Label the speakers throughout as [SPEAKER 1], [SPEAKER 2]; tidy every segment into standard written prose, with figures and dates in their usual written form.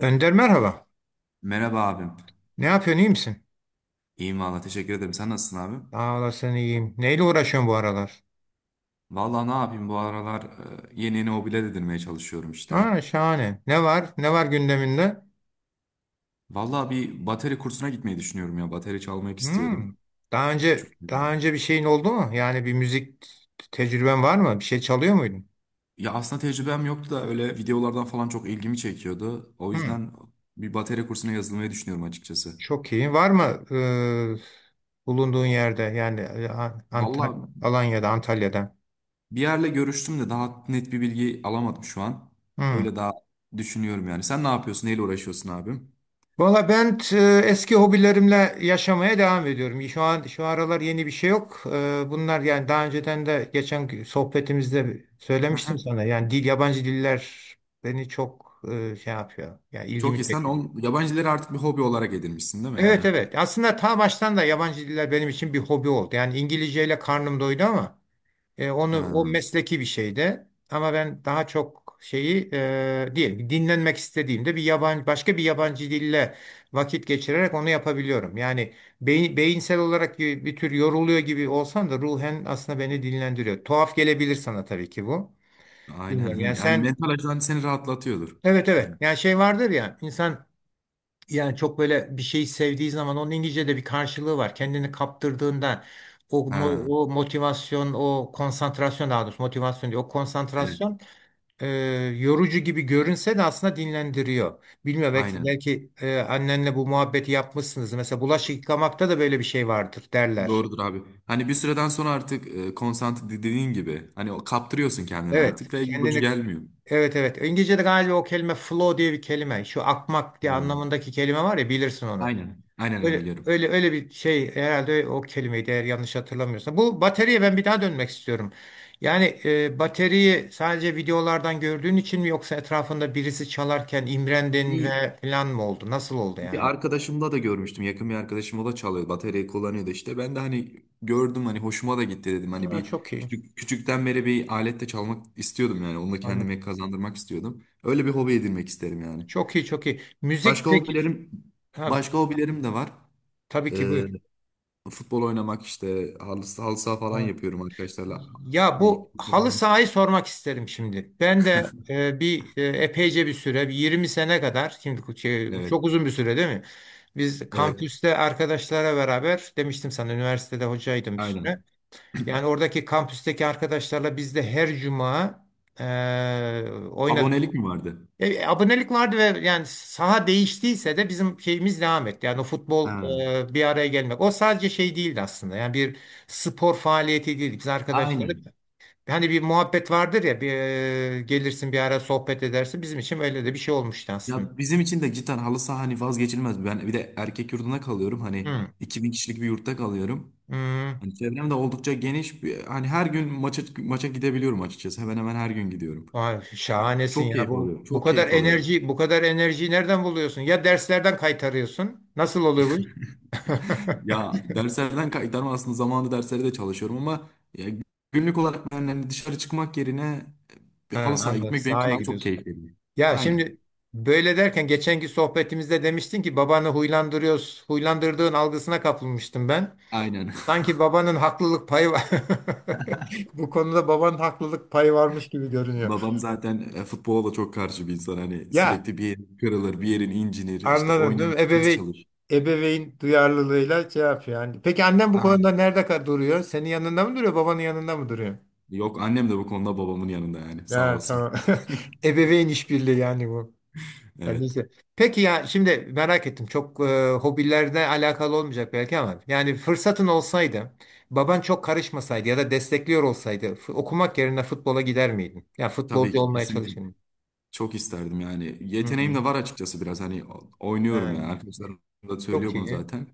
[SPEAKER 1] Önder merhaba.
[SPEAKER 2] Merhaba abim.
[SPEAKER 1] Ne yapıyorsun, iyi misin?
[SPEAKER 2] İyiyim valla teşekkür ederim. Sen nasılsın abim?
[SPEAKER 1] Sağ olasın, iyiyim. Neyle uğraşıyorsun bu aralar?
[SPEAKER 2] Valla ne yapayım bu aralar, yeni yeni hobiler edinmeye çalışıyorum işte.
[SPEAKER 1] Ha, şahane. Ne var? Ne var gündeminde?
[SPEAKER 2] Valla bir bateri kursuna gitmeyi düşünüyorum ya. Bateri çalmak
[SPEAKER 1] Hmm.
[SPEAKER 2] istiyordum.
[SPEAKER 1] Daha önce
[SPEAKER 2] Küçük.
[SPEAKER 1] daha önce bir şeyin oldu mu? Yani bir müzik tecrüben var mı? Bir şey çalıyor muydun?
[SPEAKER 2] Ya aslında tecrübem yoktu da öyle videolardan falan çok ilgimi çekiyordu. O
[SPEAKER 1] Hmm.
[SPEAKER 2] yüzden bir bateri kursuna yazılmayı düşünüyorum açıkçası.
[SPEAKER 1] Çok iyi. Var mı bulunduğun yerde yani
[SPEAKER 2] Valla
[SPEAKER 1] Antal Alanya'da, Antalya'da?
[SPEAKER 2] bir yerle görüştüm de daha net bir bilgi alamadım şu an.
[SPEAKER 1] Hmm.
[SPEAKER 2] Öyle daha düşünüyorum yani. Sen ne yapıyorsun? Neyle uğraşıyorsun abim?
[SPEAKER 1] Valla ben t- Eski hobilerimle yaşamaya devam ediyorum. Şu an şu aralar yeni bir şey yok. Bunlar yani daha önceden de geçen sohbetimizde söylemiştim sana. Yani dil, yabancı diller beni çok şey yapıyor. Yani
[SPEAKER 2] Çok
[SPEAKER 1] ilgimi
[SPEAKER 2] iyi. Sen
[SPEAKER 1] çekiyor.
[SPEAKER 2] yabancıları artık bir hobi olarak edinmişsin değil mi?
[SPEAKER 1] Evet,
[SPEAKER 2] Hani
[SPEAKER 1] evet. Aslında ta baştan da yabancı diller benim için bir hobi oldu. Yani İngilizceyle karnım doydu ama. Onu,
[SPEAKER 2] ha,
[SPEAKER 1] o mesleki bir şey de ama ben daha çok şeyi diyelim ki dinlenmek istediğimde bir yabancı, başka bir yabancı dille vakit geçirerek onu yapabiliyorum. Yani beyinsel olarak bir tür yoruluyor gibi olsam da ruhen aslında beni dinlendiriyor. Tuhaf gelebilir sana tabii ki bu. Bilmiyorum.
[SPEAKER 2] aynen.
[SPEAKER 1] Yani
[SPEAKER 2] Yani
[SPEAKER 1] sen
[SPEAKER 2] mental açıdan seni rahatlatıyordur.
[SPEAKER 1] evet, evet,
[SPEAKER 2] Yani,
[SPEAKER 1] yani şey vardır ya, insan yani çok böyle bir şeyi sevdiği zaman onun İngilizce'de bir karşılığı var. Kendini kaptırdığında
[SPEAKER 2] ha,
[SPEAKER 1] o motivasyon, o konsantrasyon, daha doğrusu motivasyon değil, o
[SPEAKER 2] evet,
[SPEAKER 1] konsantrasyon, e, yorucu gibi görünse de aslında dinlendiriyor. Bilmiyorum,
[SPEAKER 2] aynen.
[SPEAKER 1] belki annenle bu muhabbeti yapmışsınız. Mesela bulaşık yıkamakta da böyle bir şey vardır derler.
[SPEAKER 2] Doğrudur abi. Hani bir süreden sonra artık, konsantre dediğin gibi hani o kaptırıyorsun kendini
[SPEAKER 1] Evet,
[SPEAKER 2] artık ve yorucu
[SPEAKER 1] kendini
[SPEAKER 2] gelmiyor.
[SPEAKER 1] evet, evet. İngilizce'de galiba o kelime flow diye bir kelime. Şu akmak diye
[SPEAKER 2] Yani,
[SPEAKER 1] anlamındaki kelime var ya, bilirsin onu.
[SPEAKER 2] aynen. Aynen ben
[SPEAKER 1] Öyle,
[SPEAKER 2] biliyorum.
[SPEAKER 1] öyle öyle bir şey herhalde, o kelimeydi eğer yanlış hatırlamıyorsam. Bu bataryaya ben bir daha dönmek istiyorum. Yani bataryayı sadece videolardan gördüğün için mi yoksa etrafında birisi çalarken imrendin
[SPEAKER 2] İyi.
[SPEAKER 1] ve falan mı oldu? Nasıl oldu
[SPEAKER 2] Bir
[SPEAKER 1] yani?
[SPEAKER 2] arkadaşımda da görmüştüm. Yakın bir arkadaşım o da çalıyor. Bataryayı kullanıyordu işte. Ben de hani gördüm, hani hoşuma da gitti dedim. Hani
[SPEAKER 1] Ha,
[SPEAKER 2] bir
[SPEAKER 1] çok iyi.
[SPEAKER 2] küçükten beri bir aletle çalmak istiyordum yani. Onu da
[SPEAKER 1] Anladım.
[SPEAKER 2] kendime kazandırmak istiyordum. Öyle bir hobi edinmek isterim yani.
[SPEAKER 1] Çok iyi, çok iyi. Müzik
[SPEAKER 2] Başka
[SPEAKER 1] peki.
[SPEAKER 2] hobilerim
[SPEAKER 1] Ha,
[SPEAKER 2] Başka hobilerim de var.
[SPEAKER 1] tabii ki
[SPEAKER 2] Ee,
[SPEAKER 1] buyur.
[SPEAKER 2] Futbol oynamak işte halı saha falan
[SPEAKER 1] Ha.
[SPEAKER 2] yapıyorum arkadaşlarla.
[SPEAKER 1] Ya
[SPEAKER 2] Bir-
[SPEAKER 1] bu halı
[SPEAKER 2] Falan.
[SPEAKER 1] sahayı sormak isterim şimdi. Ben de epeyce bir süre, bir 20 sene kadar, şimdi şey,
[SPEAKER 2] Evet.
[SPEAKER 1] çok uzun bir süre değil mi? Biz
[SPEAKER 2] Evet.
[SPEAKER 1] kampüste arkadaşlara beraber demiştim sana, üniversitede hocaydım bir süre.
[SPEAKER 2] Aynen.
[SPEAKER 1] Yani oradaki kampüsteki arkadaşlarla biz de her cuma oynadık.
[SPEAKER 2] Abonelik mi vardı?
[SPEAKER 1] Abonelik vardı ve yani saha değiştiyse de bizim şeyimiz devam etti. Yani o futbol
[SPEAKER 2] Ha.
[SPEAKER 1] bir araya gelmek. O sadece şey değildi aslında. Yani bir spor faaliyeti değildi. Biz arkadaşlarla
[SPEAKER 2] Aynen.
[SPEAKER 1] hani bir muhabbet vardır ya, gelirsin bir ara sohbet edersin. Bizim için öyle de bir şey olmuştu aslında.
[SPEAKER 2] Ya bizim için de cidden halı saha hani vazgeçilmez. Ben bir de erkek yurdunda kalıyorum. Hani
[SPEAKER 1] Hı,
[SPEAKER 2] 2000 kişilik bir yurtta kalıyorum.
[SPEAKER 1] hı.
[SPEAKER 2] Hani çevrem de oldukça geniş. Hani her gün maça gidebiliyorum açıkçası. Hemen hemen her gün gidiyorum.
[SPEAKER 1] Vay, şahanesin ya. Bu bu
[SPEAKER 2] Çok
[SPEAKER 1] kadar
[SPEAKER 2] keyif alıyorum.
[SPEAKER 1] enerji, bu kadar enerjiyi nereden buluyorsun? Ya derslerden kaytarıyorsun. Nasıl oluyor bu iş?
[SPEAKER 2] Ya derslerden kaytarma aslında zamanında derslere de çalışıyorum, ama ya günlük olarak ben hani dışarı çıkmak yerine bir halı
[SPEAKER 1] Ha,
[SPEAKER 2] sahaya
[SPEAKER 1] anladım.
[SPEAKER 2] gitmek benim için
[SPEAKER 1] Sahaya
[SPEAKER 2] daha çok
[SPEAKER 1] gidiyorsun.
[SPEAKER 2] keyif veriyor.
[SPEAKER 1] Ya
[SPEAKER 2] Aynen.
[SPEAKER 1] şimdi böyle derken geçenki sohbetimizde demiştin ki babanı huylandırıyoruz. Huylandırdığın algısına kapılmıştım ben.
[SPEAKER 2] Aynen.
[SPEAKER 1] Sanki babanın haklılık payı var. Bu konuda babanın haklılık payı varmış gibi görünüyor.
[SPEAKER 2] Babam zaten, futbola da çok karşı bir insan. Hani
[SPEAKER 1] Ya,
[SPEAKER 2] sürekli bir yerin kırılır, bir yerin incinir. İşte
[SPEAKER 1] anladım değil
[SPEAKER 2] oynar,
[SPEAKER 1] mi?
[SPEAKER 2] ders
[SPEAKER 1] Ebeveyn,
[SPEAKER 2] çalış.
[SPEAKER 1] ebeveyn duyarlılığıyla şey yapıyor. Yani, peki annem bu konuda
[SPEAKER 2] Aynen.
[SPEAKER 1] nerede ka- duruyor? Senin yanında mı duruyor, babanın yanında mı duruyor?
[SPEAKER 2] Yok, annem de bu konuda babamın yanında yani. Sağ
[SPEAKER 1] Ya,
[SPEAKER 2] olsun.
[SPEAKER 1] tamam. Ebeveyn işbirliği yani bu. Yani
[SPEAKER 2] Evet.
[SPEAKER 1] neyse. Peki ya şimdi merak ettim. Çok hobilerle alakalı olmayacak belki ama yani fırsatın olsaydı, baban çok karışmasaydı ya da destekliyor olsaydı, f- okumak yerine futbola gider miydin? Ya
[SPEAKER 2] Tabii
[SPEAKER 1] futbolcu
[SPEAKER 2] ki
[SPEAKER 1] olmaya
[SPEAKER 2] kesinlikle.
[SPEAKER 1] çalışır mıydın?
[SPEAKER 2] Çok isterdim yani.
[SPEAKER 1] Hı
[SPEAKER 2] Yeteneğim
[SPEAKER 1] hı.
[SPEAKER 2] de var açıkçası biraz. Hani oynuyorum yani.
[SPEAKER 1] Evet.
[SPEAKER 2] Arkadaşlarım da
[SPEAKER 1] Çok
[SPEAKER 2] söylüyor bunu
[SPEAKER 1] iyi.
[SPEAKER 2] zaten.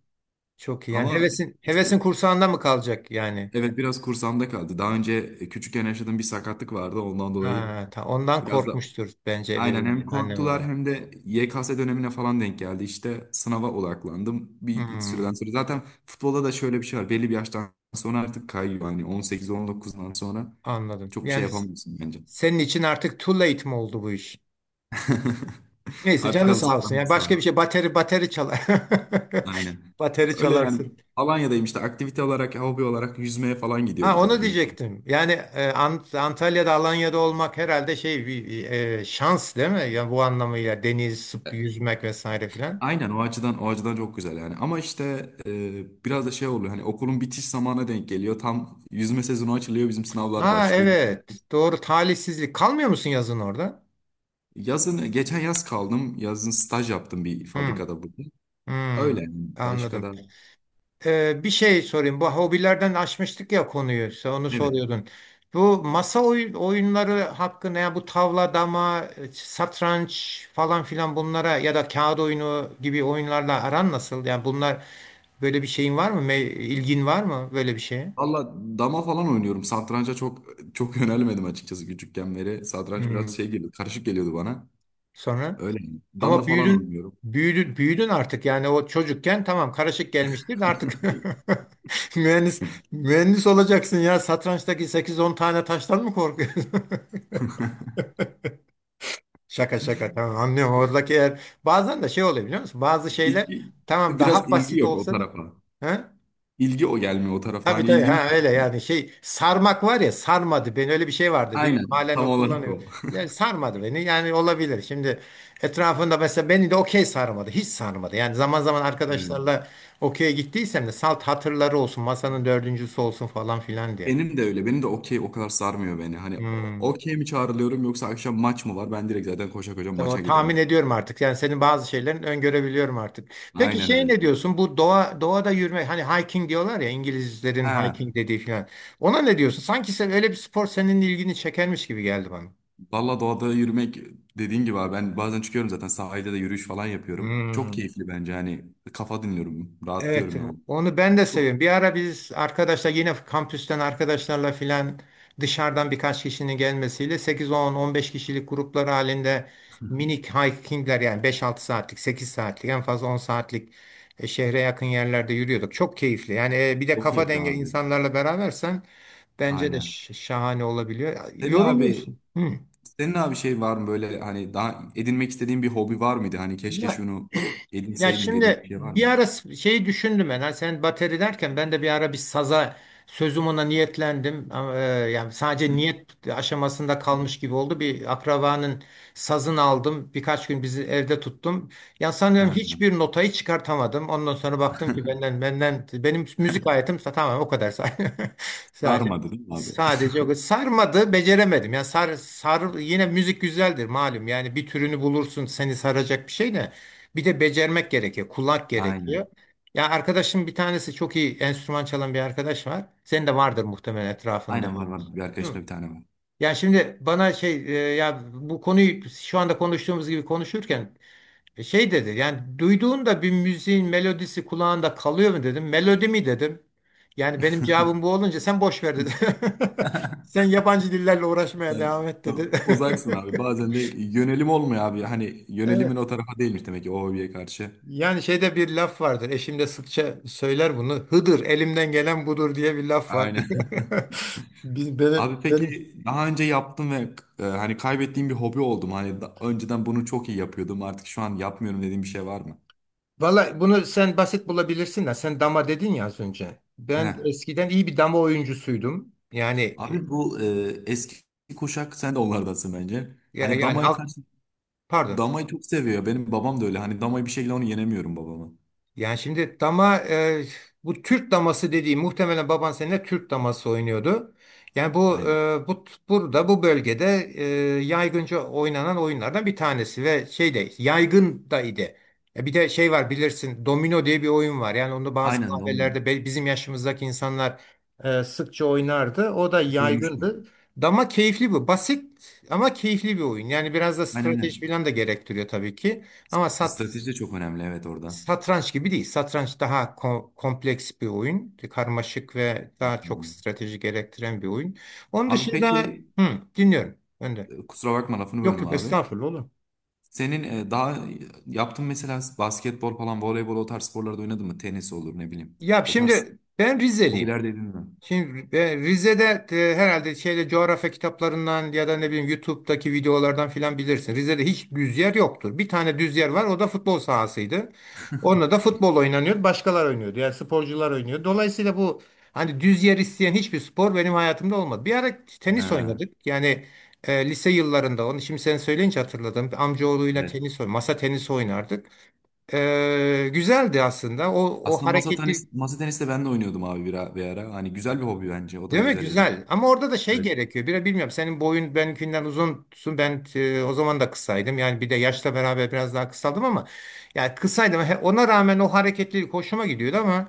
[SPEAKER 1] Çok iyi. Yani
[SPEAKER 2] Ama
[SPEAKER 1] hevesin
[SPEAKER 2] işte
[SPEAKER 1] hevesin kursağında mı kalacak yani?
[SPEAKER 2] evet, biraz kursamda kaldı. Daha önce, küçükken yaşadığım bir sakatlık vardı. Ondan dolayı
[SPEAKER 1] Ha, ta- ondan
[SPEAKER 2] biraz da
[SPEAKER 1] korkmuştur bence
[SPEAKER 2] aynen
[SPEAKER 1] ebeveyn,
[SPEAKER 2] hem
[SPEAKER 1] anne
[SPEAKER 2] korktular
[SPEAKER 1] baba.
[SPEAKER 2] hem de YKS dönemine falan denk geldi. İşte sınava odaklandım bir
[SPEAKER 1] Hmm,
[SPEAKER 2] süreden sonra. Zaten futbolda da şöyle bir şey var. Belli bir yaştan sonra artık kayıyor. Hani 18-19'dan sonra
[SPEAKER 1] anladım.
[SPEAKER 2] çok bir şey
[SPEAKER 1] Yani s-
[SPEAKER 2] yapamıyorsun bence.
[SPEAKER 1] senin için artık too late mi oldu bu iş? Neyse,
[SPEAKER 2] Artık
[SPEAKER 1] canı
[SPEAKER 2] halı
[SPEAKER 1] sağ olsun.
[SPEAKER 2] sahadan
[SPEAKER 1] Yani
[SPEAKER 2] biz de
[SPEAKER 1] başka
[SPEAKER 2] abi.
[SPEAKER 1] bir şey, bateri çalar.
[SPEAKER 2] Aynen.
[SPEAKER 1] Bateri
[SPEAKER 2] Öyle yani
[SPEAKER 1] çalarsın.
[SPEAKER 2] Alanya'dayım işte aktivite olarak, hobi olarak yüzmeye falan
[SPEAKER 1] Ha,
[SPEAKER 2] gidiyoruz
[SPEAKER 1] onu
[SPEAKER 2] yani.
[SPEAKER 1] diyecektim. Yani Antalya'da, Alanya'da olmak herhalde şey bir şans değil mi? Yani bu anlamıyla deniz, sıp- yüzmek vesaire filan.
[SPEAKER 2] Aynen, o açıdan çok güzel yani. Ama işte, biraz da şey oluyor, hani okulun bitiş zamanına denk geliyor. Tam yüzme sezonu açılıyor, bizim sınavlar
[SPEAKER 1] Ha,
[SPEAKER 2] başlıyor.
[SPEAKER 1] evet. Doğru, talihsizlik. Kalmıyor musun yazın orada?
[SPEAKER 2] Yazın, geçen yaz kaldım. Yazın staj yaptım bir
[SPEAKER 1] Hmm,
[SPEAKER 2] fabrikada burada.
[SPEAKER 1] hmm,
[SPEAKER 2] Öyle yani. Başka
[SPEAKER 1] anladım.
[SPEAKER 2] da
[SPEAKER 1] Bir şey sorayım. Bu hobilerden açmıştık ya konuyu. Sen onu
[SPEAKER 2] evet.
[SPEAKER 1] soruyordun. Bu masa oy- oyunları hakkında, ya bu tavla, dama, satranç falan filan, bunlara ya da kağıt oyunu gibi oyunlarla aran nasıl? Yani bunlar, böyle bir şeyin var mı? Me- ilgin var mı böyle bir şeye?
[SPEAKER 2] Valla dama falan oynuyorum. Satranca çok yönelmedim açıkçası küçükken beri. Satranç
[SPEAKER 1] Hmm.
[SPEAKER 2] biraz karışık geliyordu bana.
[SPEAKER 1] Sonra
[SPEAKER 2] Öyle yani. Dama
[SPEAKER 1] ama
[SPEAKER 2] falan
[SPEAKER 1] büyüdün
[SPEAKER 2] oynuyorum.
[SPEAKER 1] büyüdün büyüdün artık. Yani o çocukken tamam, karışık gelmiştir de artık mühendis mühendis olacaksın ya. Satrançtaki sekiz on tane taştan mı korkuyorsun? Şaka şaka, tamam, anlıyorum oradaki yer, bazen de şey oluyor biliyor musun? Bazı şeyler
[SPEAKER 2] İlgi,
[SPEAKER 1] tamam
[SPEAKER 2] biraz
[SPEAKER 1] daha
[SPEAKER 2] ilgi
[SPEAKER 1] basit
[SPEAKER 2] yok o
[SPEAKER 1] olsa da,
[SPEAKER 2] tarafa.
[SPEAKER 1] ha?
[SPEAKER 2] İlgi o gelmiyor o tarafta.
[SPEAKER 1] Tabii
[SPEAKER 2] Hani
[SPEAKER 1] tabii,
[SPEAKER 2] ilgimi
[SPEAKER 1] ha, öyle
[SPEAKER 2] çekmiyor.
[SPEAKER 1] yani şey, sarmak var ya, sarmadı beni, öyle bir şey vardı, bilmiyorum
[SPEAKER 2] Aynen.
[SPEAKER 1] halen
[SPEAKER 2] Tam
[SPEAKER 1] o
[SPEAKER 2] olarak
[SPEAKER 1] kullanıyor.
[SPEAKER 2] o.
[SPEAKER 1] Yani sarmadı beni yani, olabilir şimdi, etrafında mesela, beni de okey sarmadı, hiç sarmadı yani, zaman zaman
[SPEAKER 2] Hmm.
[SPEAKER 1] arkadaşlarla okey'e gittiysem de salt hatırları olsun, masanın dördüncüsü olsun falan filan diye.
[SPEAKER 2] Benim de öyle. Benim de okey o kadar sarmıyor beni. Hani
[SPEAKER 1] Hmm.
[SPEAKER 2] okey mi çağrılıyorum, yoksa akşam maç mı var? Ben direkt zaten koşa koşa maça
[SPEAKER 1] Tamam, tahmin
[SPEAKER 2] giderim.
[SPEAKER 1] ediyorum artık. Yani senin bazı şeylerin öngörebiliyorum artık. Peki
[SPEAKER 2] Aynen
[SPEAKER 1] şey,
[SPEAKER 2] öyle.
[SPEAKER 1] ne diyorsun? Bu doğa, doğada yürüme, hani hiking diyorlar ya, İngilizlerin
[SPEAKER 2] Ha,
[SPEAKER 1] hiking dediği falan. Ona ne diyorsun? Sanki sen öyle bir spor, senin ilgini çekermiş gibi geldi bana.
[SPEAKER 2] valla doğada yürümek dediğin gibi abi, ben bazen çıkıyorum, zaten sahilde de yürüyüş falan yapıyorum. Çok
[SPEAKER 1] Hmm.
[SPEAKER 2] keyifli bence, hani kafa dinliyorum,
[SPEAKER 1] Evet,
[SPEAKER 2] rahatlıyorum yani.
[SPEAKER 1] onu ben de
[SPEAKER 2] Çok,
[SPEAKER 1] seviyorum. Bir ara biz arkadaşlar yine kampüsten arkadaşlarla filan, dışarıdan birkaç kişinin gelmesiyle sekiz on on beş kişilik gruplar halinde minik hikingler, yani beş altı saatlik, 8 saatlik, en fazla 10 saatlik, şehre yakın yerlerde yürüyorduk. Çok keyifli. Yani bir de
[SPEAKER 2] çok
[SPEAKER 1] kafa
[SPEAKER 2] keyifli
[SPEAKER 1] denge
[SPEAKER 2] abi.
[SPEAKER 1] insanlarla berabersen bence de
[SPEAKER 2] Aynen.
[SPEAKER 1] ş- şahane olabiliyor.
[SPEAKER 2] Senin abi
[SPEAKER 1] Yoruluyorsun. Hı.
[SPEAKER 2] Senin abi şey var mı böyle, hani daha edinmek istediğin bir hobi var mıydı? Hani keşke
[SPEAKER 1] Ya,
[SPEAKER 2] şunu
[SPEAKER 1] ya
[SPEAKER 2] edinseydim dediğin bir
[SPEAKER 1] şimdi
[SPEAKER 2] şey var
[SPEAKER 1] bir
[SPEAKER 2] mı?
[SPEAKER 1] ara s- şeyi düşündüm ben. Ha, sen bateri derken ben de bir ara bir saza sözüm ona niyetlendim. Yani sadece niyet aşamasında kalmış gibi oldu. Bir akrabanın sazını aldım. Birkaç gün bizi evde tuttum. Ya sanıyorum
[SPEAKER 2] Ha.
[SPEAKER 1] hiçbir notayı çıkartamadım. Ondan sonra baktım ki benden benim müzik hayatım tamamen o kadar say- sadece.
[SPEAKER 2] Sarmadı değil mi abi?
[SPEAKER 1] Sadece o, sarmadı, beceremedim. Ya sar sar, yine müzik güzeldir malum. Yani bir türünü bulursun seni saracak, bir şey de bir de becermek gerekiyor. Kulak gerekiyor.
[SPEAKER 2] Aynen.
[SPEAKER 1] Ya arkadaşım bir tanesi çok iyi enstrüman çalan bir arkadaş var. Senin de vardır muhtemelen etrafında. Değil
[SPEAKER 2] Var. Bir
[SPEAKER 1] mi?
[SPEAKER 2] arkadaşımda bir tane var.
[SPEAKER 1] Ya şimdi bana şey, ya bu konuyu şu anda konuştuğumuz gibi konuşurken şey dedi, yani duyduğunda bir müziğin melodisi kulağında kalıyor mu dedim. Melodi mi dedim. Yani benim cevabım bu olunca sen boş ver dedi. Sen yabancı dillerle uğraşmaya
[SPEAKER 2] Evet,
[SPEAKER 1] devam et dedi.
[SPEAKER 2] tamam. Uzaksın abi. Bazen de yönelim olmuyor abi. Hani yönelimin
[SPEAKER 1] Evet.
[SPEAKER 2] o tarafa değilmiş demek ki o hobiye karşı.
[SPEAKER 1] Yani şeyde bir laf vardır. Eşim de sıkça söyler bunu. Hıdır elimden gelen budur diye bir laf var.
[SPEAKER 2] Aynen.
[SPEAKER 1] Biz- benim,
[SPEAKER 2] Abi
[SPEAKER 1] benim.
[SPEAKER 2] peki daha önce yaptım ve, hani kaybettiğim bir hobi oldum. Hani önceden bunu çok iyi yapıyordum. Artık şu an yapmıyorum dediğim bir şey var mı?
[SPEAKER 1] Valla bunu sen basit bulabilirsin de sen dama dedin ya az önce.
[SPEAKER 2] He.
[SPEAKER 1] Ben eskiden iyi bir dama oyuncusuydum. Yani
[SPEAKER 2] Abi bu, eski kuşak sen de onlardansın bence.
[SPEAKER 1] ya-
[SPEAKER 2] Hani
[SPEAKER 1] yani
[SPEAKER 2] damaya
[SPEAKER 1] alt,
[SPEAKER 2] karşı
[SPEAKER 1] pardon.
[SPEAKER 2] damayı çok seviyor. Benim babam da öyle. Hani damayı bir şekilde, onu yenemiyorum babamı.
[SPEAKER 1] Yani şimdi dama bu Türk daması dediği, muhtemelen baban seninle Türk daması oynuyordu. Yani bu
[SPEAKER 2] Aynen.
[SPEAKER 1] burada bu bölgede e, yaygınca oynanan oyunlardan bir tanesi ve şey de yaygın da idi. Bir de şey var, bilirsin, domino diye bir oyun var. Yani onu bazı
[SPEAKER 2] Aynen domino.
[SPEAKER 1] kahvelerde be- bizim yaşımızdaki insanlar sıkça oynardı. O da yaygındı.
[SPEAKER 2] Duymuştum.
[SPEAKER 1] Dama keyifli bu. Basit ama keyifli bir oyun. Yani biraz da strateji
[SPEAKER 2] Aynen.
[SPEAKER 1] falan da gerektiriyor tabii ki. Ama sat,
[SPEAKER 2] Strateji de çok önemli, evet, orada.
[SPEAKER 1] satranç gibi değil. Satranç daha ko- kompleks bir oyun. Karmaşık ve daha çok strateji gerektiren bir oyun. Onun
[SPEAKER 2] Abi
[SPEAKER 1] dışında
[SPEAKER 2] peki,
[SPEAKER 1] hı, dinliyorum. Önde.
[SPEAKER 2] kusura bakma, lafını
[SPEAKER 1] Yok
[SPEAKER 2] böldüm
[SPEAKER 1] yok,
[SPEAKER 2] abi.
[SPEAKER 1] estağfurullah, olur.
[SPEAKER 2] Senin, daha yaptığın mesela basketbol falan, voleybol o tarz sporlarda oynadın mı? Tenis olur ne bileyim.
[SPEAKER 1] Ya
[SPEAKER 2] O tarz
[SPEAKER 1] şimdi ben Rizeliyim.
[SPEAKER 2] hobiler dedin mi?
[SPEAKER 1] Şimdi Rize'de herhalde şeyde, coğrafya kitaplarından ya da ne bileyim YouTube'daki videolardan filan bilirsin. Rize'de hiç düz yer yoktur. Bir tane düz yer var. O da futbol sahasıydı. Onunla da futbol oynanıyordu. Başkalar oynuyordu. Yani sporcular oynuyordu. Dolayısıyla bu hani düz yer isteyen hiçbir spor benim hayatımda olmadı. Bir ara tenis
[SPEAKER 2] Ha,
[SPEAKER 1] oynadık. Yani lise yıllarında, onu şimdi sen söyleyince hatırladım. Amcaoğluyla
[SPEAKER 2] evet.
[SPEAKER 1] tenis oyn, masa tenisi oynardık. Güzeldi aslında. O
[SPEAKER 2] Aslında
[SPEAKER 1] hareketli
[SPEAKER 2] masa tenis de ben de oynuyordum abi bir ara. Hani güzel bir hobi bence. O da
[SPEAKER 1] değil mi?
[SPEAKER 2] güzel edin.
[SPEAKER 1] Güzel. Ama orada da şey
[SPEAKER 2] Evet.
[SPEAKER 1] gerekiyor. Biraz bilmiyorum. Senin boyun benimkinden uzunsun. Ben o zaman da kısaydım. Yani bir de yaşla beraber biraz daha kısaldım ama yani kısaydım. He- ona rağmen o hareketlilik hoşuma gidiyordu ama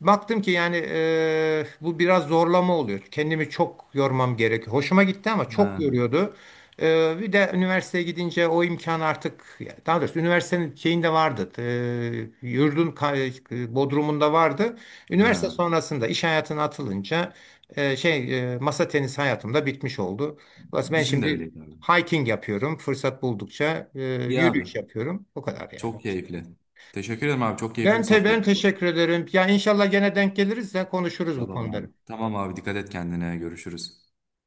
[SPEAKER 1] baktım ki yani bu biraz zorlama oluyor. Kendimi çok yormam gerekiyor. Hoşuma gitti ama çok
[SPEAKER 2] Ha,
[SPEAKER 1] yoruyordu. Bir de üniversiteye gidince o imkan artık, daha doğrusu üniversitenin şeyinde vardı. Yurdun ka- bodrumunda vardı. Üniversite
[SPEAKER 2] ha.
[SPEAKER 1] sonrasında iş hayatına atılınca masa tenisi hayatımda bitmiş oldu. Dolayısıyla ben
[SPEAKER 2] Bizim de
[SPEAKER 1] şimdi
[SPEAKER 2] öyleydi abi.
[SPEAKER 1] hiking yapıyorum. Fırsat buldukça
[SPEAKER 2] İyi abi.
[SPEAKER 1] yürüyüş yapıyorum. O kadar yani.
[SPEAKER 2] Çok keyifli. Teşekkür ederim abi. Çok keyifli bir
[SPEAKER 1] Ben
[SPEAKER 2] sohbetti bu.
[SPEAKER 1] teşekkür ederim. Ya inşallah gene denk geliriz de konuşuruz bu konuları.
[SPEAKER 2] Tamam abi. Dikkat et kendine. Görüşürüz.